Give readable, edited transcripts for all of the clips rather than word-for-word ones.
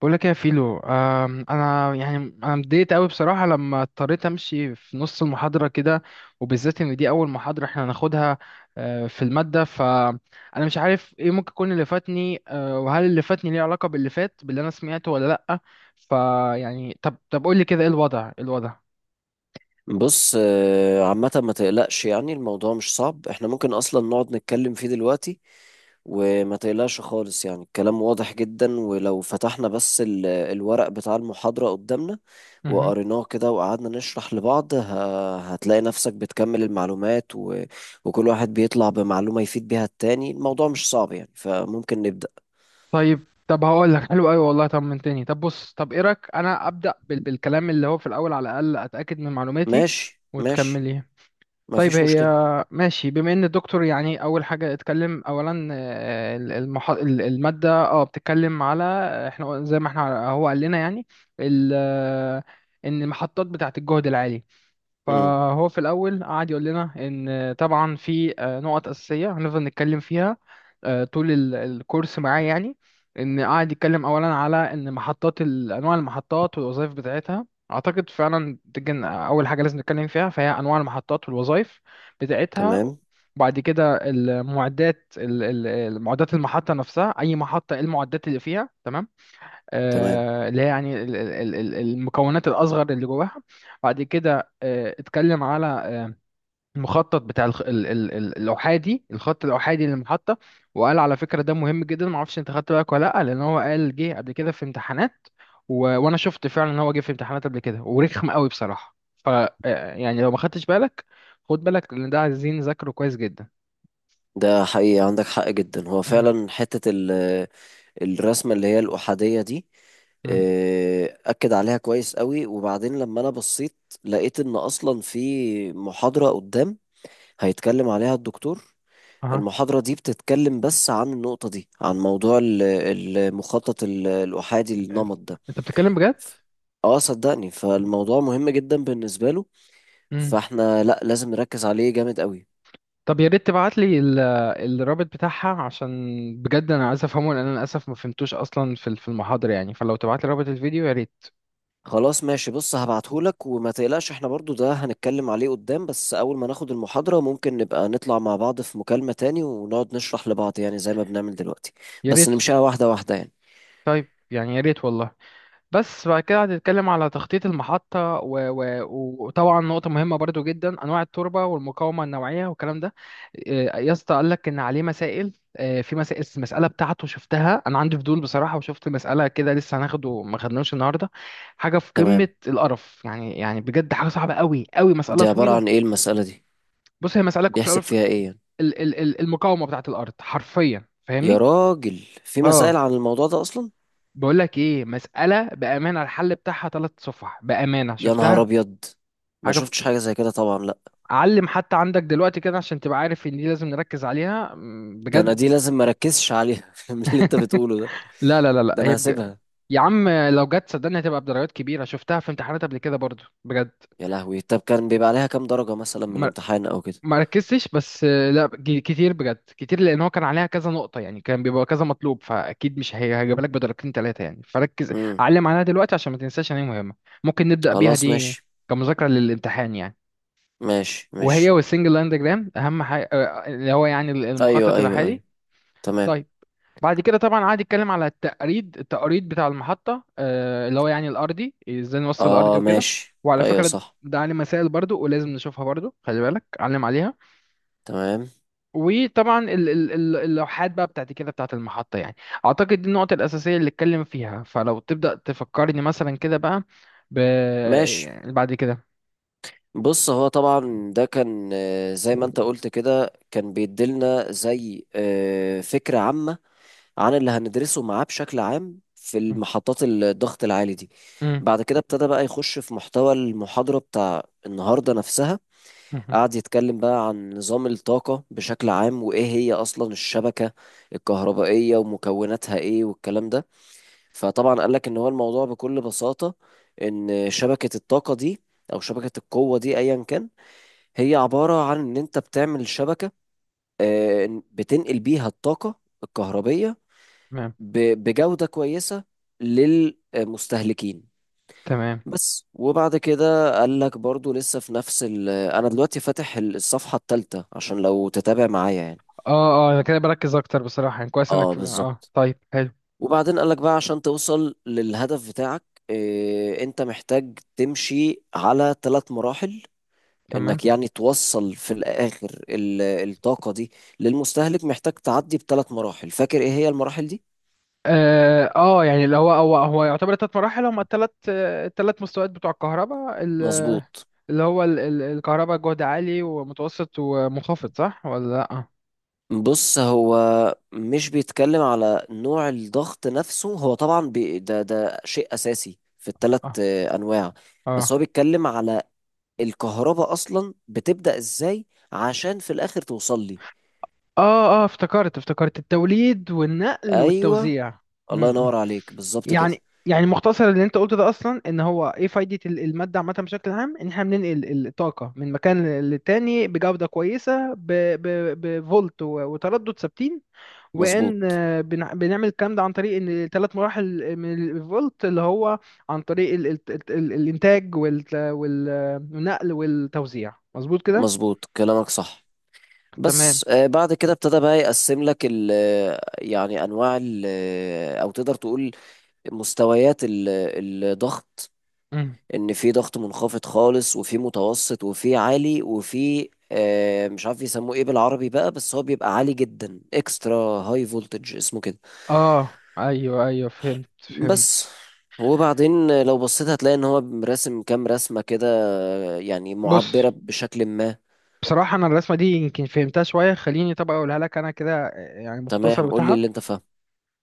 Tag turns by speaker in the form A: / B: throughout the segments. A: بقول لك إيه يا فيلو، يعني انا متضايقت قوي بصراحه لما اضطريت امشي في نص المحاضره كده، وبالذات ان دي اول محاضره احنا هناخدها في الماده. فانا مش عارف ايه ممكن يكون اللي فاتني، وهل اللي فاتني ليه علاقه باللي فات باللي انا سمعته ولا لا. فيعني طب قول لي كده ايه الوضع، إيه الوضع؟
B: بص عامة ما تقلقش يعني الموضوع مش صعب، احنا ممكن اصلا نقعد نتكلم فيه دلوقتي. وما تقلقش خالص يعني الكلام واضح جدا، ولو فتحنا بس الورق بتاع المحاضرة قدامنا
A: مهم.
B: وقريناه كده وقعدنا نشرح لبعض هتلاقي نفسك بتكمل المعلومات وكل واحد بيطلع بمعلومة يفيد بيها التاني. الموضوع مش صعب يعني فممكن نبدأ.
A: طيب، هقول لك حلو قوي والله، طمنتني. طب بص، طب ايه رايك انا ابدا بالكلام اللي هو في الاول، على الاقل اتاكد من معلوماتي
B: ماشي ماشي.
A: وتكملي.
B: ما
A: طيب
B: فيش
A: هي
B: مشكلة.
A: ماشي. بما ان الدكتور يعني اول حاجه اتكلم اولا، الماده بتتكلم على احنا زي ما احنا هو قال لنا يعني. ال... آه، ان المحطات بتاعه الجهد العالي،
B: امم.
A: فهو في الأول قعد يقول لنا إن طبعا في نقط أساسية هنفضل نتكلم فيها طول الكورس معاه يعني. إن قعد يتكلم أولا على إن أنواع المحطات والوظائف بتاعتها. أعتقد فعلا تجن أول حاجة لازم نتكلم فيها فهي أنواع المحطات والوظائف بتاعتها.
B: تمام.
A: وبعد كده المعدات، المحطة نفسها أي محطة إيه المعدات اللي فيها، تمام؟
B: تمام،
A: اللي هي يعني المكونات الأصغر اللي جواها. بعد كده اتكلم على المخطط بتاع الخ- ال- ال- ال- الأحادي الخط الأحادي للمحطة، وقال على فكرة ده مهم جدا، معرفش انت خدت بالك ولا لأ، لأن هو قال جه قبل كده في امتحانات، وأنا شفت فعلا إن هو جه في امتحانات قبل كده ورخم قوي بصراحة. ف آه، يعني لو ما خدتش بالك، خد بالك لأن ده عايزين نذاكره كويس جدا.
B: ده حقيقي عندك حق جدا، هو
A: مم.
B: فعلا حتة الرسمة اللي هي الأحادية دي
A: مم.
B: أكد عليها كويس قوي. وبعدين لما أنا بصيت لقيت إن أصلا في محاضرة قدام هيتكلم عليها الدكتور.
A: أها.
B: المحاضرة دي بتتكلم بس عن النقطة دي، عن موضوع المخطط الأحادي
A: أنت،
B: النمط ده.
A: بتتكلم بجد؟
B: اه صدقني، فالموضوع مهم جدا بالنسبة له، فاحنا لا لازم نركز عليه جامد قوي.
A: طب يا ريت تبعت لي الرابط بتاعها، عشان بجد انا عايز افهمه، لان انا للاسف ما فهمتوش اصلا في في المحاضره يعني. فلو تبعت لي رابط الفيديو يا ريت.
B: خلاص ماشي. بص، هبعتهولك وما تقلقش، احنا برضو ده هنتكلم عليه قدام، بس اول ما ناخد المحاضرة ممكن نبقى نطلع مع بعض في مكالمة تاني ونقعد نشرح لبعض يعني زي ما بنعمل دلوقتي.
A: يا
B: بس
A: ريت.
B: نمشيها واحدة واحدة يعني.
A: طيب يعني يا ريت والله. بس بعد كده هنتكلم على تخطيط المحطة وطبعا نقطة مهمة برضو جدا، أنواع التربة والمقاومة النوعية والكلام ده. يا اسطى قال لك إن عليه مسائل. في مسائل، المسألة بتاعته شفتها أنا، عندي فضول بصراحة، وشفت مسألة كده لسه هناخده، ما خدناش النهاردة. حاجة في قمة
B: تمام،
A: القرف يعني، بجد حاجة صعبة قوي، مسألة
B: دي عبارة
A: طويلة.
B: عن ايه المسألة دي؟
A: بص هي مسألة في الأول
B: بيحسب فيها ايه يعني؟
A: المقاومة بتاعت الأرض حرفيا،
B: يا
A: فاهمني؟
B: راجل، في مسائل
A: اه.
B: عن الموضوع ده اصلا؟
A: بقول لك ايه، مسألة بأمانة الحل بتاعها ثلاث صفح بأمانة
B: يا نهار
A: شفتها.
B: ابيض، ما
A: حاجة
B: شفتش حاجة زي كده طبعا، لا.
A: علم حتى عندك دلوقتي كده عشان تبقى عارف ان دي لازم نركز عليها،
B: ده انا دي
A: بجد.
B: لازم مركزش عليها من اللي انت بتقوله ده.
A: لا
B: ده
A: هي
B: انا هسيبها.
A: يا عم لو جت صدقني هتبقى بدرجات كبيرة، شفتها في امتحانات قبل كده برضو بجد.
B: يا لهوي، طب كان بيبقى عليها كام درجة مثلا من
A: ما
B: الامتحان او كده؟
A: ما ركزتش بس، لا، كتير بجد كتير، لان هو كان عليها كذا نقطة يعني، كان بيبقى كذا مطلوب، فاكيد مش هي هجيب لك بدرجتين ثلاثة يعني. فركز،
B: امم.
A: علم عليها دلوقتي عشان ما تنساش ان هي مهمة. ممكن نبدأ بيها
B: خلاص
A: دي
B: ماشي.
A: كمذاكرة للامتحان يعني.
B: ماشي
A: وهي
B: ماشي.
A: والسنجل لاين ديجرام اهم حاجة، اللي هو يعني
B: ايوه
A: المخطط
B: ايوه
A: الحالي.
B: ايوه. تمام.
A: طيب، بعد كده طبعا قعد يتكلم على التقريد، بتاع المحطة، اللي هو يعني الأرضي، ازاي نوصل الأرضي
B: اه
A: وكده.
B: ماشي
A: وعلى
B: ايوه
A: فكرة
B: صح.
A: ده علم مسائل برضو، ولازم نشوفها برضو، خلي بالك علم عليها.
B: تمام.
A: وطبعا اللوحات بقى بتاعت كده، بتاعت المحطة يعني. أعتقد دي النقطة الأساسية اللي اتكلم فيها. فلو تبدأ تفكرني مثلا كده بقى ب...
B: ماشي،
A: يعني بعد كده.
B: بص هو طبعا ده كان، زي ما انت قلت كده، كان بيديلنا زي فكرة عامة عن اللي هندرسه معاه بشكل عام في
A: م-
B: المحطات الضغط العالي دي.
A: م-
B: بعد كده ابتدى بقى يخش في محتوى المحاضرة بتاع النهاردة نفسها.
A: م-
B: قعد يتكلم بقى عن نظام الطاقة بشكل عام، وإيه هي أصلا الشبكة الكهربائية ومكوناتها إيه والكلام ده. فطبعا قال لك ان هو الموضوع بكل بساطة ان شبكة الطاقة دي او شبكة القوة دي ايا كان، هي عبارة عن ان انت بتعمل شبكة إن بتنقل بيها الطاقة الكهربية
A: تمام.
B: بجودة كويسة للمستهلكين.
A: تمام.
B: بس، وبعد كده قال لك برضو لسه في نفس انا دلوقتي فاتح الصفحة الثالثة عشان لو تتابع معايا يعني.
A: اه اه انا كده بركز اكتر بصراحة يعني، كويس
B: اه
A: انك، اه
B: بالظبط.
A: طيب حلو.
B: وبعدين قالك بقى عشان توصل للهدف بتاعك انت محتاج تمشي على ثلاث مراحل.
A: تمام.
B: انك يعني توصل في الاخر الطاقة دي للمستهلك، محتاج تعدي بثلاث مراحل. فاكر ايه هي المراحل دي؟
A: يعني اللي هو يعتبر ثلاث مراحل، هم الثلاث، مستويات بتوع
B: مظبوط.
A: اللي هو الكهرباء جهد عالي ومتوسط ومنخفض، صح ولا لا؟
B: بص، هو مش بيتكلم على نوع الضغط نفسه، هو طبعا ده شيء اساسي في الثلاث
A: اه
B: انواع. بس
A: اه
B: هو بيتكلم على الكهرباء اصلا بتبدأ ازاي عشان في الاخر توصل لي.
A: اه افتكرت، التوليد والنقل
B: ايوه.
A: والتوزيع. م-
B: الله
A: م.
B: ينور عليك، بالظبط كده.
A: يعني، مختصر اللي انت قلته ده اصلا ان هو ايه فايدة المادة عامة بشكل عام، ان احنا بننقل الطاقة من مكان للتاني بجودة كويسة، بفولت وتردد ثابتين. وان
B: مظبوط.
A: بنعمل الكلام ده عن طريق ان ثلاث مراحل من الفولت، اللي هو عن طريق ال الانتاج والنقل والتوزيع، مظبوط كده.
B: مظبوط كلامك صح.
A: تمام.
B: بس بعد كده ابتدى بقى يقسم لك ال يعني انواع ال او تقدر تقول مستويات الضغط.
A: مم.
B: ان في ضغط منخفض خالص، وفي متوسط، وفي عالي، وفي مش عارف يسموه ايه بالعربي بقى، بس هو بيبقى عالي جدا اكسترا هاي فولتج اسمه كده.
A: اه ايوه فهمت.
B: بس.
A: فهمت.
B: وبعدين لو بصيت هتلاقي ان هو راسم كام رسمة كده، يعني
A: بص،
B: معبرة بشكل ما.
A: بصراحة أنا الرسمة دي يمكن فهمتها شوية، خليني طب أقولها لك أنا كده، يعني مختصر
B: تمام قول لي
A: بتاعها.
B: اللي انت فاهمه.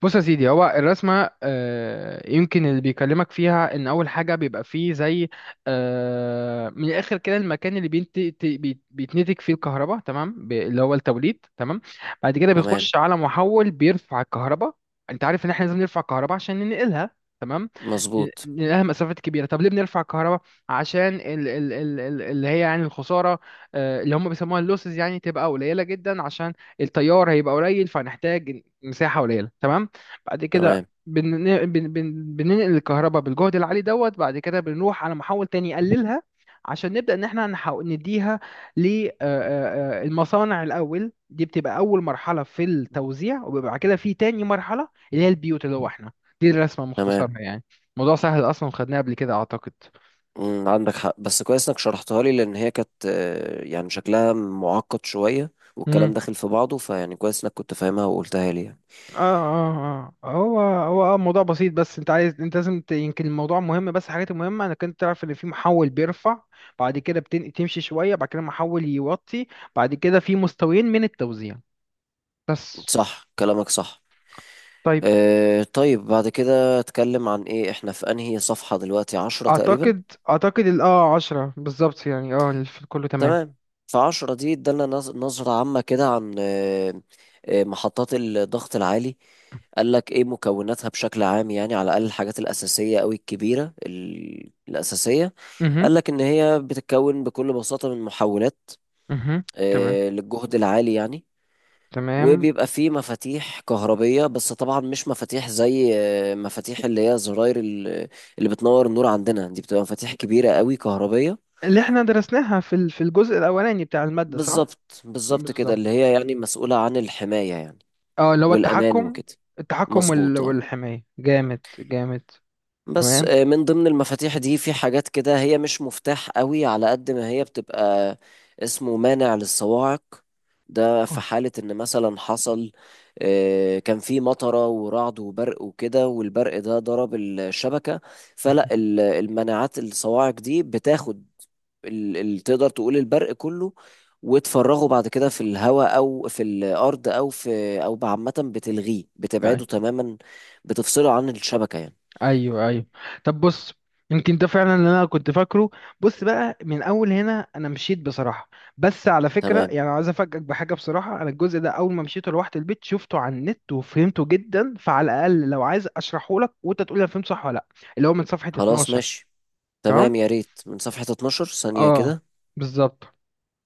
A: بص يا سيدي، هو الرسمة يمكن اللي بيكلمك فيها إن أول حاجة بيبقى فيه زي، من الآخر كده، المكان اللي بيتنتج فيه الكهرباء، تمام، اللي هو التوليد، تمام. بعد كده
B: تمام.
A: بيخش على محول بيرفع الكهرباء. أنت عارف إن إحنا لازم نرفع الكهرباء عشان ننقلها. تمام.
B: مظبوط.
A: لانها مسافات كبيره. طب ليه بنرفع الكهرباء؟ عشان ال ال ال ال اللي هي يعني الخساره، اللي هم بيسموها اللوسز يعني، تبقى قليله جدا، عشان التيار هيبقى قليل فهنحتاج مساحه قليله، تمام. بعد كده
B: تمام.
A: بننقل الكهرباء بالجهد العالي دوت. بعد كده بنروح على محول تاني يقللها عشان نبدا ان احنا نحاول نديها للمصانع الاول. دي بتبقى اول مرحله في التوزيع، وبيبقى بعد كده في تاني مرحله اللي هي البيوت اللي هو احنا. دي الرسمه
B: تمام.
A: مختصرها يعني، موضوع سهل اصلا وخدناه قبل كده اعتقد.
B: مم، عندك حق، بس كويس انك شرحتها لي لان هي كانت يعني شكلها معقد شوية والكلام
A: امم
B: داخل في بعضه، فيعني كويس انك كنت فاهمها وقلتها لي يعني.
A: اه هو اه موضوع بسيط. بس انت عايز انت لازم يمكن الموضوع مهم، بس الحاجات المهمه انك انت تعرف ان في محول بيرفع، بعد كده تمشي شويه، بعد كده محول يوطي، بعد كده في مستويين من التوزيع، بس.
B: صح كلامك صح.
A: طيب،
B: طيب بعد كده اتكلم عن ايه، احنا في انهي صفحة دلوقتي؟ عشرة تقريبا.
A: اعتقد ال 10 بالظبط يعني، كله تمام.
B: تمام. فعشرة دي ادالنا نظرة عامة كده عن محطات الضغط العالي. قال لك ايه مكوناتها بشكل عام، يعني على الأقل الحاجات الأساسية أو الكبيرة الأساسية.
A: اها.
B: قال لك إن هي بتتكون بكل بساطة من محولات
A: اها. تمام.
B: للجهد العالي يعني.
A: تمام.
B: وبيبقى فيه مفاتيح كهربية، بس طبعا مش مفاتيح زي مفاتيح اللي هي زراير اللي بتنور النور عندنا دي، بتبقى مفاتيح كبيرة قوي كهربية.
A: اللي احنا درسناها في في الجزء الاولاني بتاع الماده، صح؟
B: بالظبط بالظبط كده،
A: بالظبط.
B: اللي هي يعني مسؤولة عن الحماية يعني،
A: اه اللي هو
B: والأمان
A: التحكم،
B: وكده.
A: التحكم
B: مظبوط اه.
A: والحماية، جامد جامد.
B: بس
A: تمام.
B: من ضمن المفاتيح دي في حاجات كده هي مش مفتاح قوي على قد ما هي بتبقى اسمه مانع للصواعق. ده
A: اه.
B: في حالة ان مثلا حصل كان في مطرة ورعد وبرق وكده، والبرق ده ضرب الشبكة، فلا المناعات الصواعق دي بتاخد تقدر تقول البرق كله وتفرغه بعد كده في الهواء او في الارض او في، او عامة بتلغيه
A: أي-
B: بتبعده تماما. بتفصله عن الشبكة يعني.
A: ايوه. طب بص، يمكن ده فعلا اللي انا كنت فاكره. بص بقى، من اول هنا انا مشيت بصراحه. بس على فكره
B: تمام
A: يعني عايز افاجئك بحاجه بصراحه، انا الجزء ده اول ما مشيته لوحدي البيت شفته على النت وفهمته جدا، فعلى الاقل لو عايز اشرحه لك وانت تقول لي انا فهمت صح ولا لا. اللي هو من صفحه
B: خلاص
A: 12.
B: ماشي.
A: تمام.
B: تمام يا ريت، من صفحة 12 ثانية
A: اه.
B: كده.
A: بالظبط.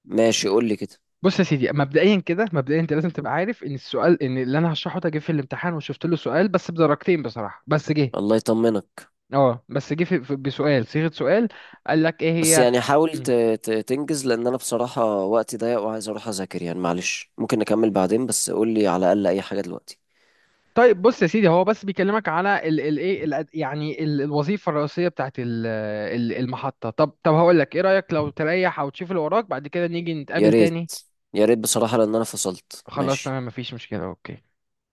B: ماشي قول لي كده.
A: بص يا سيدي، مبدئيا انت لازم تبقى عارف ان السؤال، ان اللي انا هشرحه ده جه في الامتحان، وشفت له سؤال بس بدرجتين بصراحه، بس جه.
B: الله يطمنك.
A: اه بس جه بسؤال، صيغه سؤال قال لك ايه
B: بس
A: هي.
B: يعني حاول
A: مم.
B: تنجز، لأن أنا بصراحة وقتي ضيق وعايز أروح أذاكر يعني. معلش ممكن نكمل بعدين، بس قول لي على الأقل أي حاجة دلوقتي.
A: طيب بص يا سيدي، هو بس بيكلمك على ال ال ايه يعني الوظيفه الرئيسيه بتاعت ال ال المحطه. طب، هقول لك، ايه رايك لو تريح او تشوف اللي وراك بعد كده نيجي
B: يا
A: نتقابل
B: ريت
A: تاني؟
B: يا ريت بصراحة، لأن أنا فصلت
A: خلاص تمام،
B: ماشي
A: مفيش مشكله. اوكي.